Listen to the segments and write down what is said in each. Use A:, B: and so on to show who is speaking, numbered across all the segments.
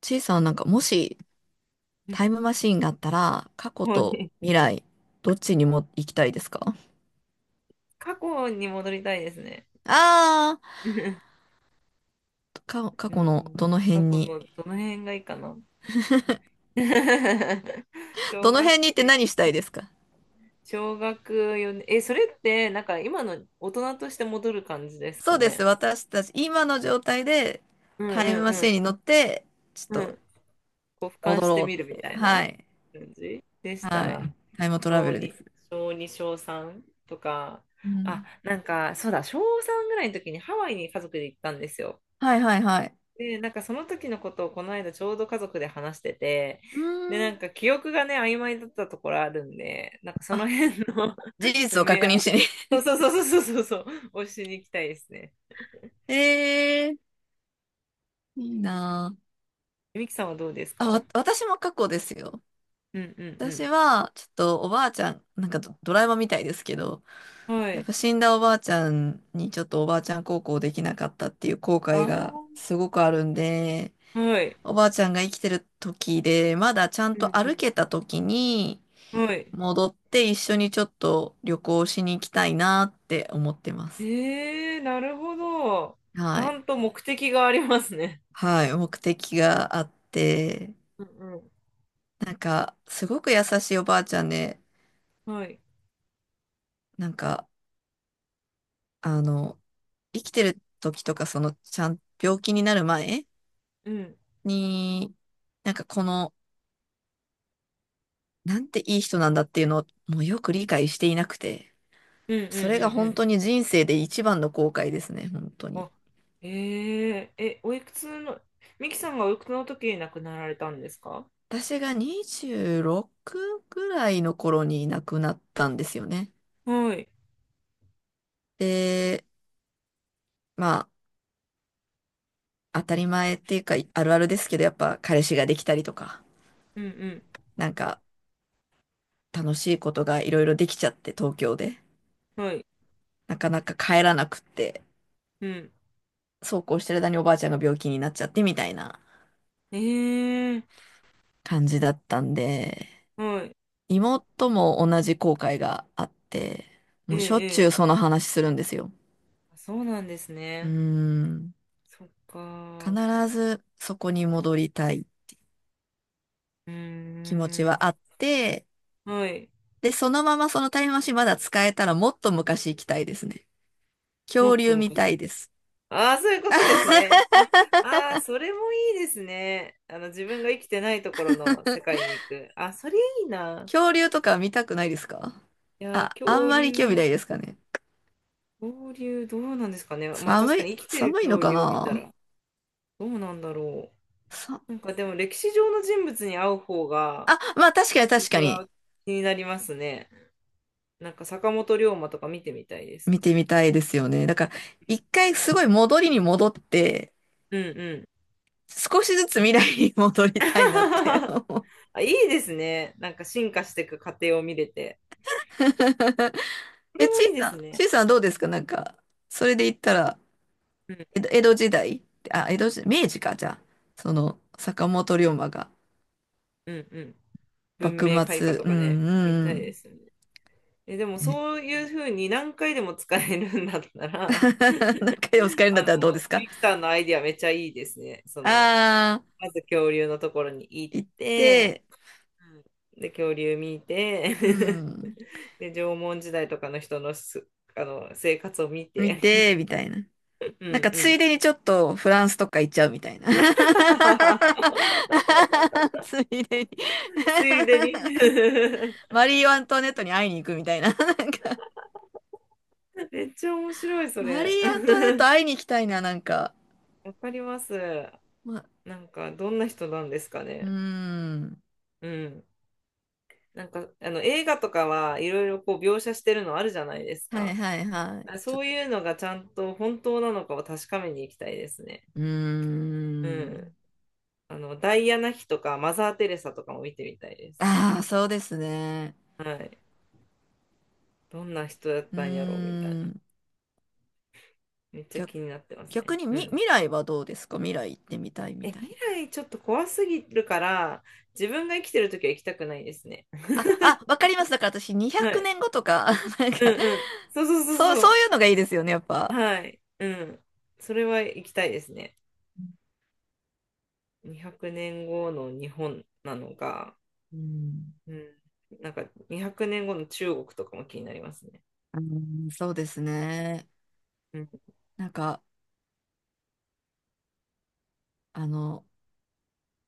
A: ちいさんはなんか、もしタイム マシーンがあったら、過去
B: もう
A: と
B: ね、
A: 未来、どっちにも行きたいですか？
B: 過去に戻りたいですね。
A: ああ 過
B: う
A: 去の
B: ん、
A: どの辺
B: 過去
A: に。
B: のどの辺がいいかな。小
A: どの
B: 学
A: 辺にって
B: 生、
A: 何したいですか？
B: 小学4年、え、それってなんか今の大人として戻る感じですか
A: そうです。
B: ね。
A: 私たち、今の状態で
B: うん
A: タイムマ
B: う
A: シーンに
B: ん
A: 乗って、ちょっ
B: うん。うん。
A: と
B: こう俯瞰
A: 戻
B: して
A: ろ
B: みる
A: うっ
B: み
A: てい
B: た
A: う。
B: い
A: は
B: な
A: い。
B: 感じでした
A: はい。
B: ら、
A: タイムトラ
B: 小
A: ベルで
B: 2、
A: す。
B: 小2、小3とか、
A: う
B: あ、
A: ん。
B: なんかそうだ、小3ぐらいの時にハワイに家族で行ったんですよ。
A: はいはいはい。
B: で、なんかその時のことをこの間ちょうど家族で話してて、
A: う
B: で、
A: ー
B: な
A: ん。
B: んか記憶がね、曖昧だったところあるんで、なんかその
A: あ、
B: 辺の
A: 事
B: 埋
A: 実を
B: め
A: 確
B: 合
A: 認しに。
B: う、そうそうそうそうそうそう、をしに行きたいですね。
A: ええー、いいな
B: ミキさんはどうです
A: あ。あ、
B: か？
A: 私も過去ですよ。
B: うんう
A: 私
B: ん
A: は、ちょっとおばあちゃん、なんかドラえもんみたいですけど、
B: うん。は
A: やっ
B: い。
A: ぱ死んだおばあちゃんにちょっとおばあちゃん孝行できなかったっていう後悔が
B: あ
A: すごくあるんで、
B: あ、はい。
A: おばあちゃんが生きてる時で、まだちゃん
B: う
A: と
B: んう
A: 歩
B: ん。
A: けた時に
B: はい。
A: 戻って一緒にちょっと旅行しに行きたいなって思ってます。
B: ええー、なるほど。ち
A: は
B: ゃ
A: い。
B: んと目的がありますね。
A: はい。目的があって、
B: うんうん。
A: なんか、すごく優しいおばあちゃんで、
B: はい。
A: なんか、あの、生きてる時とか、その、ちゃん、病気になる前
B: うん。
A: に、なんかこの、なんていい人なんだっていうのを、もうよく理解していなくて、
B: うんう
A: そ
B: ん
A: れ
B: う
A: が
B: んう
A: 本
B: ん。
A: 当に人生で一番の後悔ですね、本当に。
B: あ、えええ、おいくつの、ミキさんがおいくつの時に亡くなられたんですか？
A: 私が26ぐらいの頃に亡くなったんですよね。
B: はい。
A: で、まあ、当たり前っていうか、あるあるですけど、やっぱ彼氏ができたりとか、
B: うんう
A: なんか楽しいことがいろいろできちゃって、東京で。
B: ん。はい。
A: なかなか帰らなくって。
B: うん。
A: そうこうしてる間におばあちゃんが病気になっちゃってみたいな
B: ええ、
A: 感じだったんで、
B: はい。
A: 妹も同じ後悔があって、
B: え
A: もうしょっ
B: え
A: ちゅう
B: ええ、
A: その話するんですよ。
B: あ、そうなんです
A: うー
B: ね。
A: ん。
B: そっ
A: 必
B: か。
A: ずそこに戻りたい
B: うー
A: 気持ち
B: ん。
A: はあって、
B: はい。
A: で、そのままそのタイムマシンまだ使えたらもっと昔行きたいですね。
B: もっ
A: 恐
B: と
A: 竜見た
B: 昔。
A: いです。
B: ああ、そういうことですね。あ、ああ、それもいいですね。あの、自分が生きてないところの世界に行く。あ、それいいな。
A: 恐竜とか見たくないですか？
B: いやー、
A: あ、あん
B: 恐
A: まり興味
B: 竜。
A: ないですかね。
B: 恐竜どうなんですかね。まあ確
A: 寒
B: か
A: い、
B: に生きてる
A: 寒いの
B: 恐
A: か
B: 竜を見た
A: な？
B: らどうなんだろ
A: さ
B: う。なんかでも歴史上の人物に会う方が
A: あ、まあ確かに確
B: 私
A: かに。
B: は気になりますね。なんか坂本龍馬とか見てみたいです。
A: 見てみたいですよね。だから、一回すごい戻りに戻って、
B: うんうん。
A: 少しずつ未来に戻りたいなって 思う。
B: あ、いいですね。なんか進化していく過程を見れて。こ
A: え、
B: れ
A: ち
B: も
A: い
B: いいで
A: さん、
B: す
A: ち
B: ね。
A: いさんどうですか？なんか、それで言ったら、
B: うん
A: 江戸時代、あ、江戸時代、明治か、じゃあ、その、坂本龍馬が、
B: うんうん。文
A: 幕
B: 明開化
A: 末、
B: と
A: うん、
B: かね、見
A: う
B: たいで
A: ん、
B: すよね。え、でも
A: ね。
B: そういうふうに何回でも使えるんだった ら、
A: なんかでも使 えるん
B: あ
A: だっ
B: の、
A: たらどうですか？
B: ミキさんのアイディアめっちゃいいですね。その、
A: ああ
B: まず恐竜のところに行っ
A: ー、行っ
B: て、
A: て、
B: で、恐竜見て、
A: うん、
B: で、縄文時代とかの人のあの、生活を見
A: 見
B: て、
A: て、みたいな。
B: うん
A: なんか
B: う
A: つい
B: ん。
A: でにちょっとフランスとか行っちゃうみたいな。ついでに
B: ついでに
A: マリー・アントワネットに会いに行くみたいな。なんか、
B: めっちゃ面白い、そ
A: マリ
B: れ。
A: ー・アントワネット 会いに行きたいな、なんか。
B: わかります。
A: ま、
B: なんか、どんな人なんですか
A: うー
B: ね。
A: ん。
B: うん。なんか、あの、映画とかはいろいろこう描写してるのあるじゃないです
A: はい
B: か。
A: はいはい。
B: あ、そういうのがちゃんと本当なのかを確かめに行きたいですね。
A: うー
B: うん。
A: ん。
B: あの、ダイアナ妃とかマザー・テレサとかも見てみたいです。
A: ああ、そうですね。
B: はい。どんな人だっ
A: うー
B: たんやろうみたいな。
A: ん。
B: めっちゃ
A: 逆、
B: 気になってますね。
A: 逆に
B: うん。
A: 未来はどうですか？未来行ってみたいみ
B: え、
A: たい
B: 未
A: な。
B: 来ちょっと怖すぎるから、自分が生きてるときは行きたくないですね。
A: あ、わか ります。だから私200
B: はい。
A: 年後とか、なん
B: うん
A: か、
B: うん。そうそうそう
A: そう、
B: そ
A: そ
B: う。
A: ういうのがいいですよね、やっぱ。
B: はい。うん。それは行きたいですね。200年後の日本なのか、
A: うん。
B: うん。なんか200年後の中国とかも気になりますね。
A: うん、そうですね。
B: うん。
A: なんか、あの、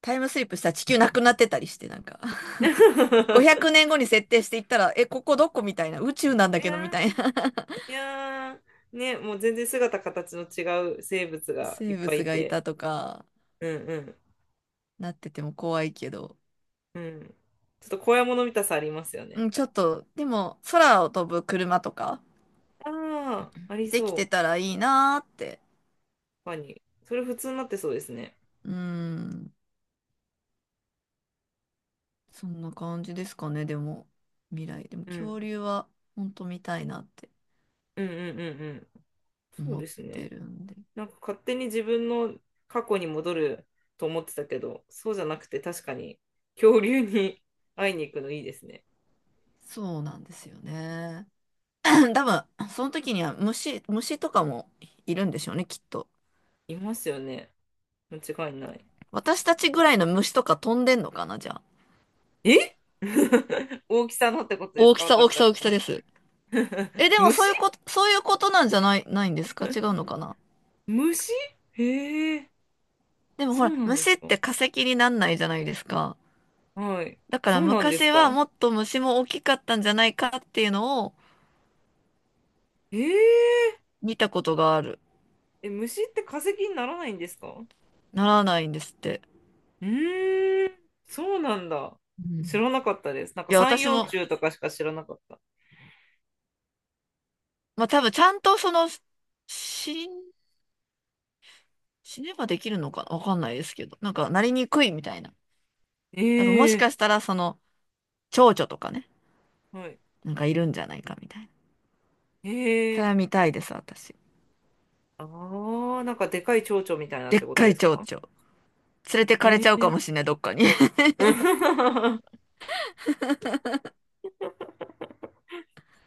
A: タイムスリップしたら地球なくなってたりして、なんか
B: い
A: 500年後に設定していったら、え、ここどこみたいな、宇宙なんだ
B: や
A: けどみたいな。
B: ーいやー、ね、もう全然姿形の違う生物 がい
A: 生
B: っぱい
A: 物
B: い
A: がい
B: て、
A: たとか、
B: うんうん、
A: なってても怖いけど。
B: うん。ちょっと怖いもの見たさありますよね。
A: うん、ちょっと、でも、空を飛ぶ車とか、
B: ああ、あり
A: できて
B: そ
A: た
B: う。
A: らいいなーって。
B: 確かに。それ普通になってそうですね。
A: うん。そんな感じですかね、でも、未来。でも、
B: うん。
A: 恐竜は、本当見たいなって
B: うんうんうんうん。そう
A: 思っ
B: です
A: て
B: ね。
A: るんで。
B: なんか勝手に自分の過去に戻ると思ってたけど、そうじゃなくて確かに恐竜に 会いに行くのいいですね。
A: そうなんですよね。多分、その時には虫とかもいるんでしょうね、きっと。
B: いますよね。間違いない。
A: 私たちぐらいの虫とか飛んでんのかな、じゃあ。
B: え 大きさのってことです
A: 大き
B: か、
A: さ、大
B: 私
A: き
B: た
A: さ、
B: ち
A: 大きさ
B: の？
A: です。え、でも
B: 虫、
A: そういうことなんじゃないんですか？違うのかな？
B: 虫、へえ、
A: でもほ
B: そ
A: ら、
B: うなんで
A: 虫
B: す
A: っ
B: か。
A: て化石になんないじゃないですか。
B: はい。
A: だから
B: そうなんです
A: 昔は
B: か。
A: もっと虫も大きかったんじゃないかっていうのを
B: へえ、
A: 見たことがある。
B: え、虫って化石にならないんですか？
A: ならないんですって。
B: うーん、そうなんだ。
A: うん。
B: 知らなかったです。なんか
A: いや、
B: 三
A: 私
B: 葉
A: も、
B: 虫とかしか知らなかった。
A: まあ多分ちゃんとその、死ん、死ねばできるのかわかんないですけど、なんかなりにくいみたいな。だからも
B: え
A: し
B: え、
A: かしたらその、蝶々とかね、
B: はい。
A: なんかいるんじゃないかみたいな。
B: え
A: それ
B: え、
A: は見たいです、私。
B: ああ、なんかでかい蝶々みたいなっ
A: でっ
B: てこと
A: か
B: で
A: い
B: す
A: 蝶
B: か？
A: 々。連れてかれ
B: え
A: ちゃうか
B: え。
A: もしれない、どっかに。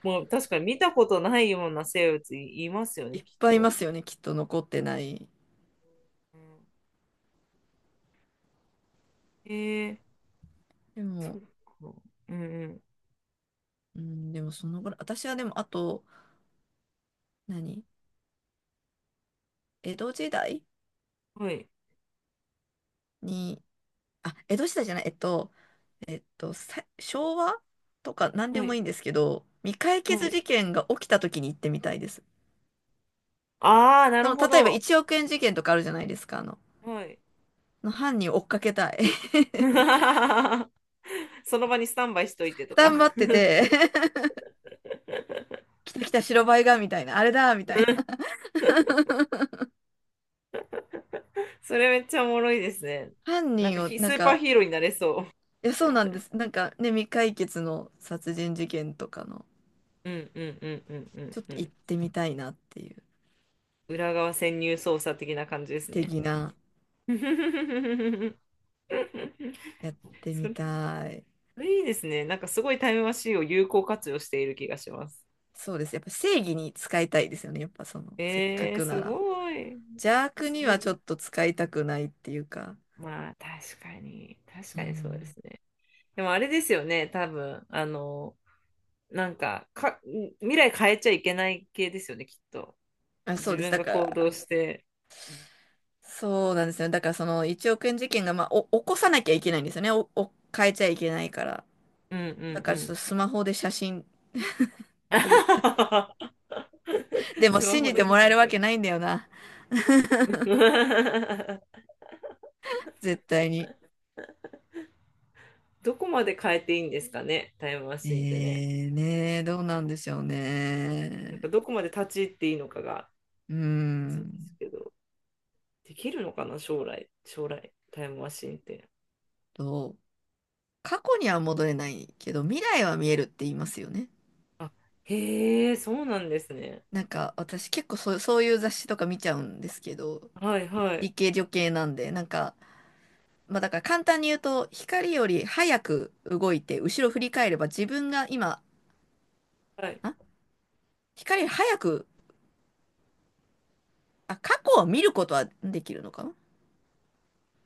B: もう確かに見たことないような生物い、ますよ
A: い
B: ね、
A: っ
B: きっ
A: ぱいいま
B: と。
A: すよね、きっと残ってない。
B: うん、ええ、
A: で
B: そ
A: も、
B: うか。うんうん。
A: うん、でもそのぐらい。私はでも、あと、何江戸時代
B: はい。
A: に、あ、江戸時代じゃない、昭和とか何で
B: は
A: もい
B: い。
A: いんですけど、未解
B: は
A: 決
B: い。
A: 事件が起きた時に行ってみたいです。
B: ああ、な
A: そ
B: る
A: の、
B: ほ
A: 例えば
B: ど。
A: 1億円事件とかあるじゃないですか、
B: はい。
A: の犯人を追っかけたい。
B: その場にスタンバイしといてとか
A: 頑張っ てて。 来た来た白バイが、みたいな、あれだ、みたいな。
B: それめっちゃおもろいですね。
A: 犯
B: なんか
A: 人を、な
B: ス
A: ん
B: ーパー
A: か、
B: ヒーローになれそう。
A: いや、そうなんです。なんかね、未解決の殺人事件とかの、
B: うんうんうんうんうん
A: ちょっ
B: う
A: と行
B: ん。
A: ってみたいなっていう、
B: 裏側潜入捜査的な感じですね。
A: 的な、やって
B: そ
A: み
B: れ、そ
A: たい。
B: れいいですね。なんかすごいタイムマシーンを有効活用している気がします。
A: そうです。やっぱ正義に使いたいですよね。やっぱその、せっかく
B: す
A: なら。
B: ごい。
A: 邪悪
B: す
A: には
B: ご
A: ちょ
B: い。
A: っと使いたくないっていうか。
B: まあ、確かに。確
A: う
B: かにそうで
A: ん。
B: すね。でもあれですよね、多分。あの、なんか、未来変えちゃいけない系ですよね、きっと。
A: あ、そ
B: 自
A: うです。
B: 分
A: だ
B: が
A: か
B: 行
A: ら、
B: 動して。
A: そうなんですよ。だから、その1億円事件が、まあ、起こさなきゃいけないんですよね。変えちゃいけないから。
B: うんう
A: だ
B: ん
A: か
B: う
A: ら、ちょっ
B: ん。
A: とスマホで写真 撮り。でも、
B: スマ
A: 信
B: ホ
A: じ
B: で
A: て
B: 写
A: もらえ
B: 真
A: る
B: 撮
A: わけ
B: る。
A: ないんだよな。絶対に。
B: どこまで変えていいんですかね、タイムマシンってね。
A: ねえ、どうなんでしょう
B: なんか
A: ね。
B: どこまで立ち入っていいのかが、
A: うー
B: そうで
A: ん
B: すけど、できるのかな、将来、タイムマシンって。
A: と、過去には戻れないけど、未来は見えるって言いますよね。
B: あ、へえ、そうなんですね。
A: なんか私結構そうそういう雑誌とか見ちゃうんですけど、
B: はいはい。
A: 理系女系なんで、なんか、まあだから簡単に言うと、光より早く動いて、後ろ振り返れば自分が今、
B: はい。
A: あ、光より早く、あ、過去を見ることはできるのかな？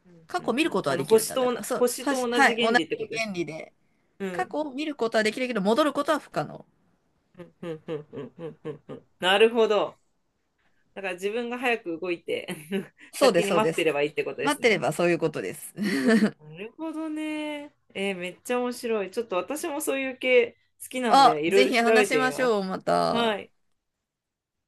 B: うん
A: 過
B: う
A: 去を
B: ん
A: 見
B: う
A: る
B: ん。
A: こと
B: あ
A: は
B: の、
A: できるんだ。だから、そう、
B: 星と同
A: は
B: じ
A: い、同
B: 原
A: じ
B: 理ってことです
A: 原理
B: ね。
A: で、
B: う
A: 過
B: ん。
A: 去を見ることはできるけど、戻ることは不可能。
B: うんうんうんうんうんうんうん。なるほど。だから自分が早く動いて
A: そうで
B: 先
A: す、
B: に
A: そう
B: 待っ
A: で
B: て
A: す。
B: ればいいってことで
A: 待っ
B: す
A: てれ
B: ね。
A: ばそういうことです。
B: なるほどね。めっちゃ面白い。ちょっと私もそういう系好きなん
A: あ、
B: で、いろい
A: ぜ
B: ろ
A: ひ
B: 調べ
A: 話し
B: て
A: ま
B: み
A: し
B: ま
A: ょ
B: す。
A: う、また。
B: はい。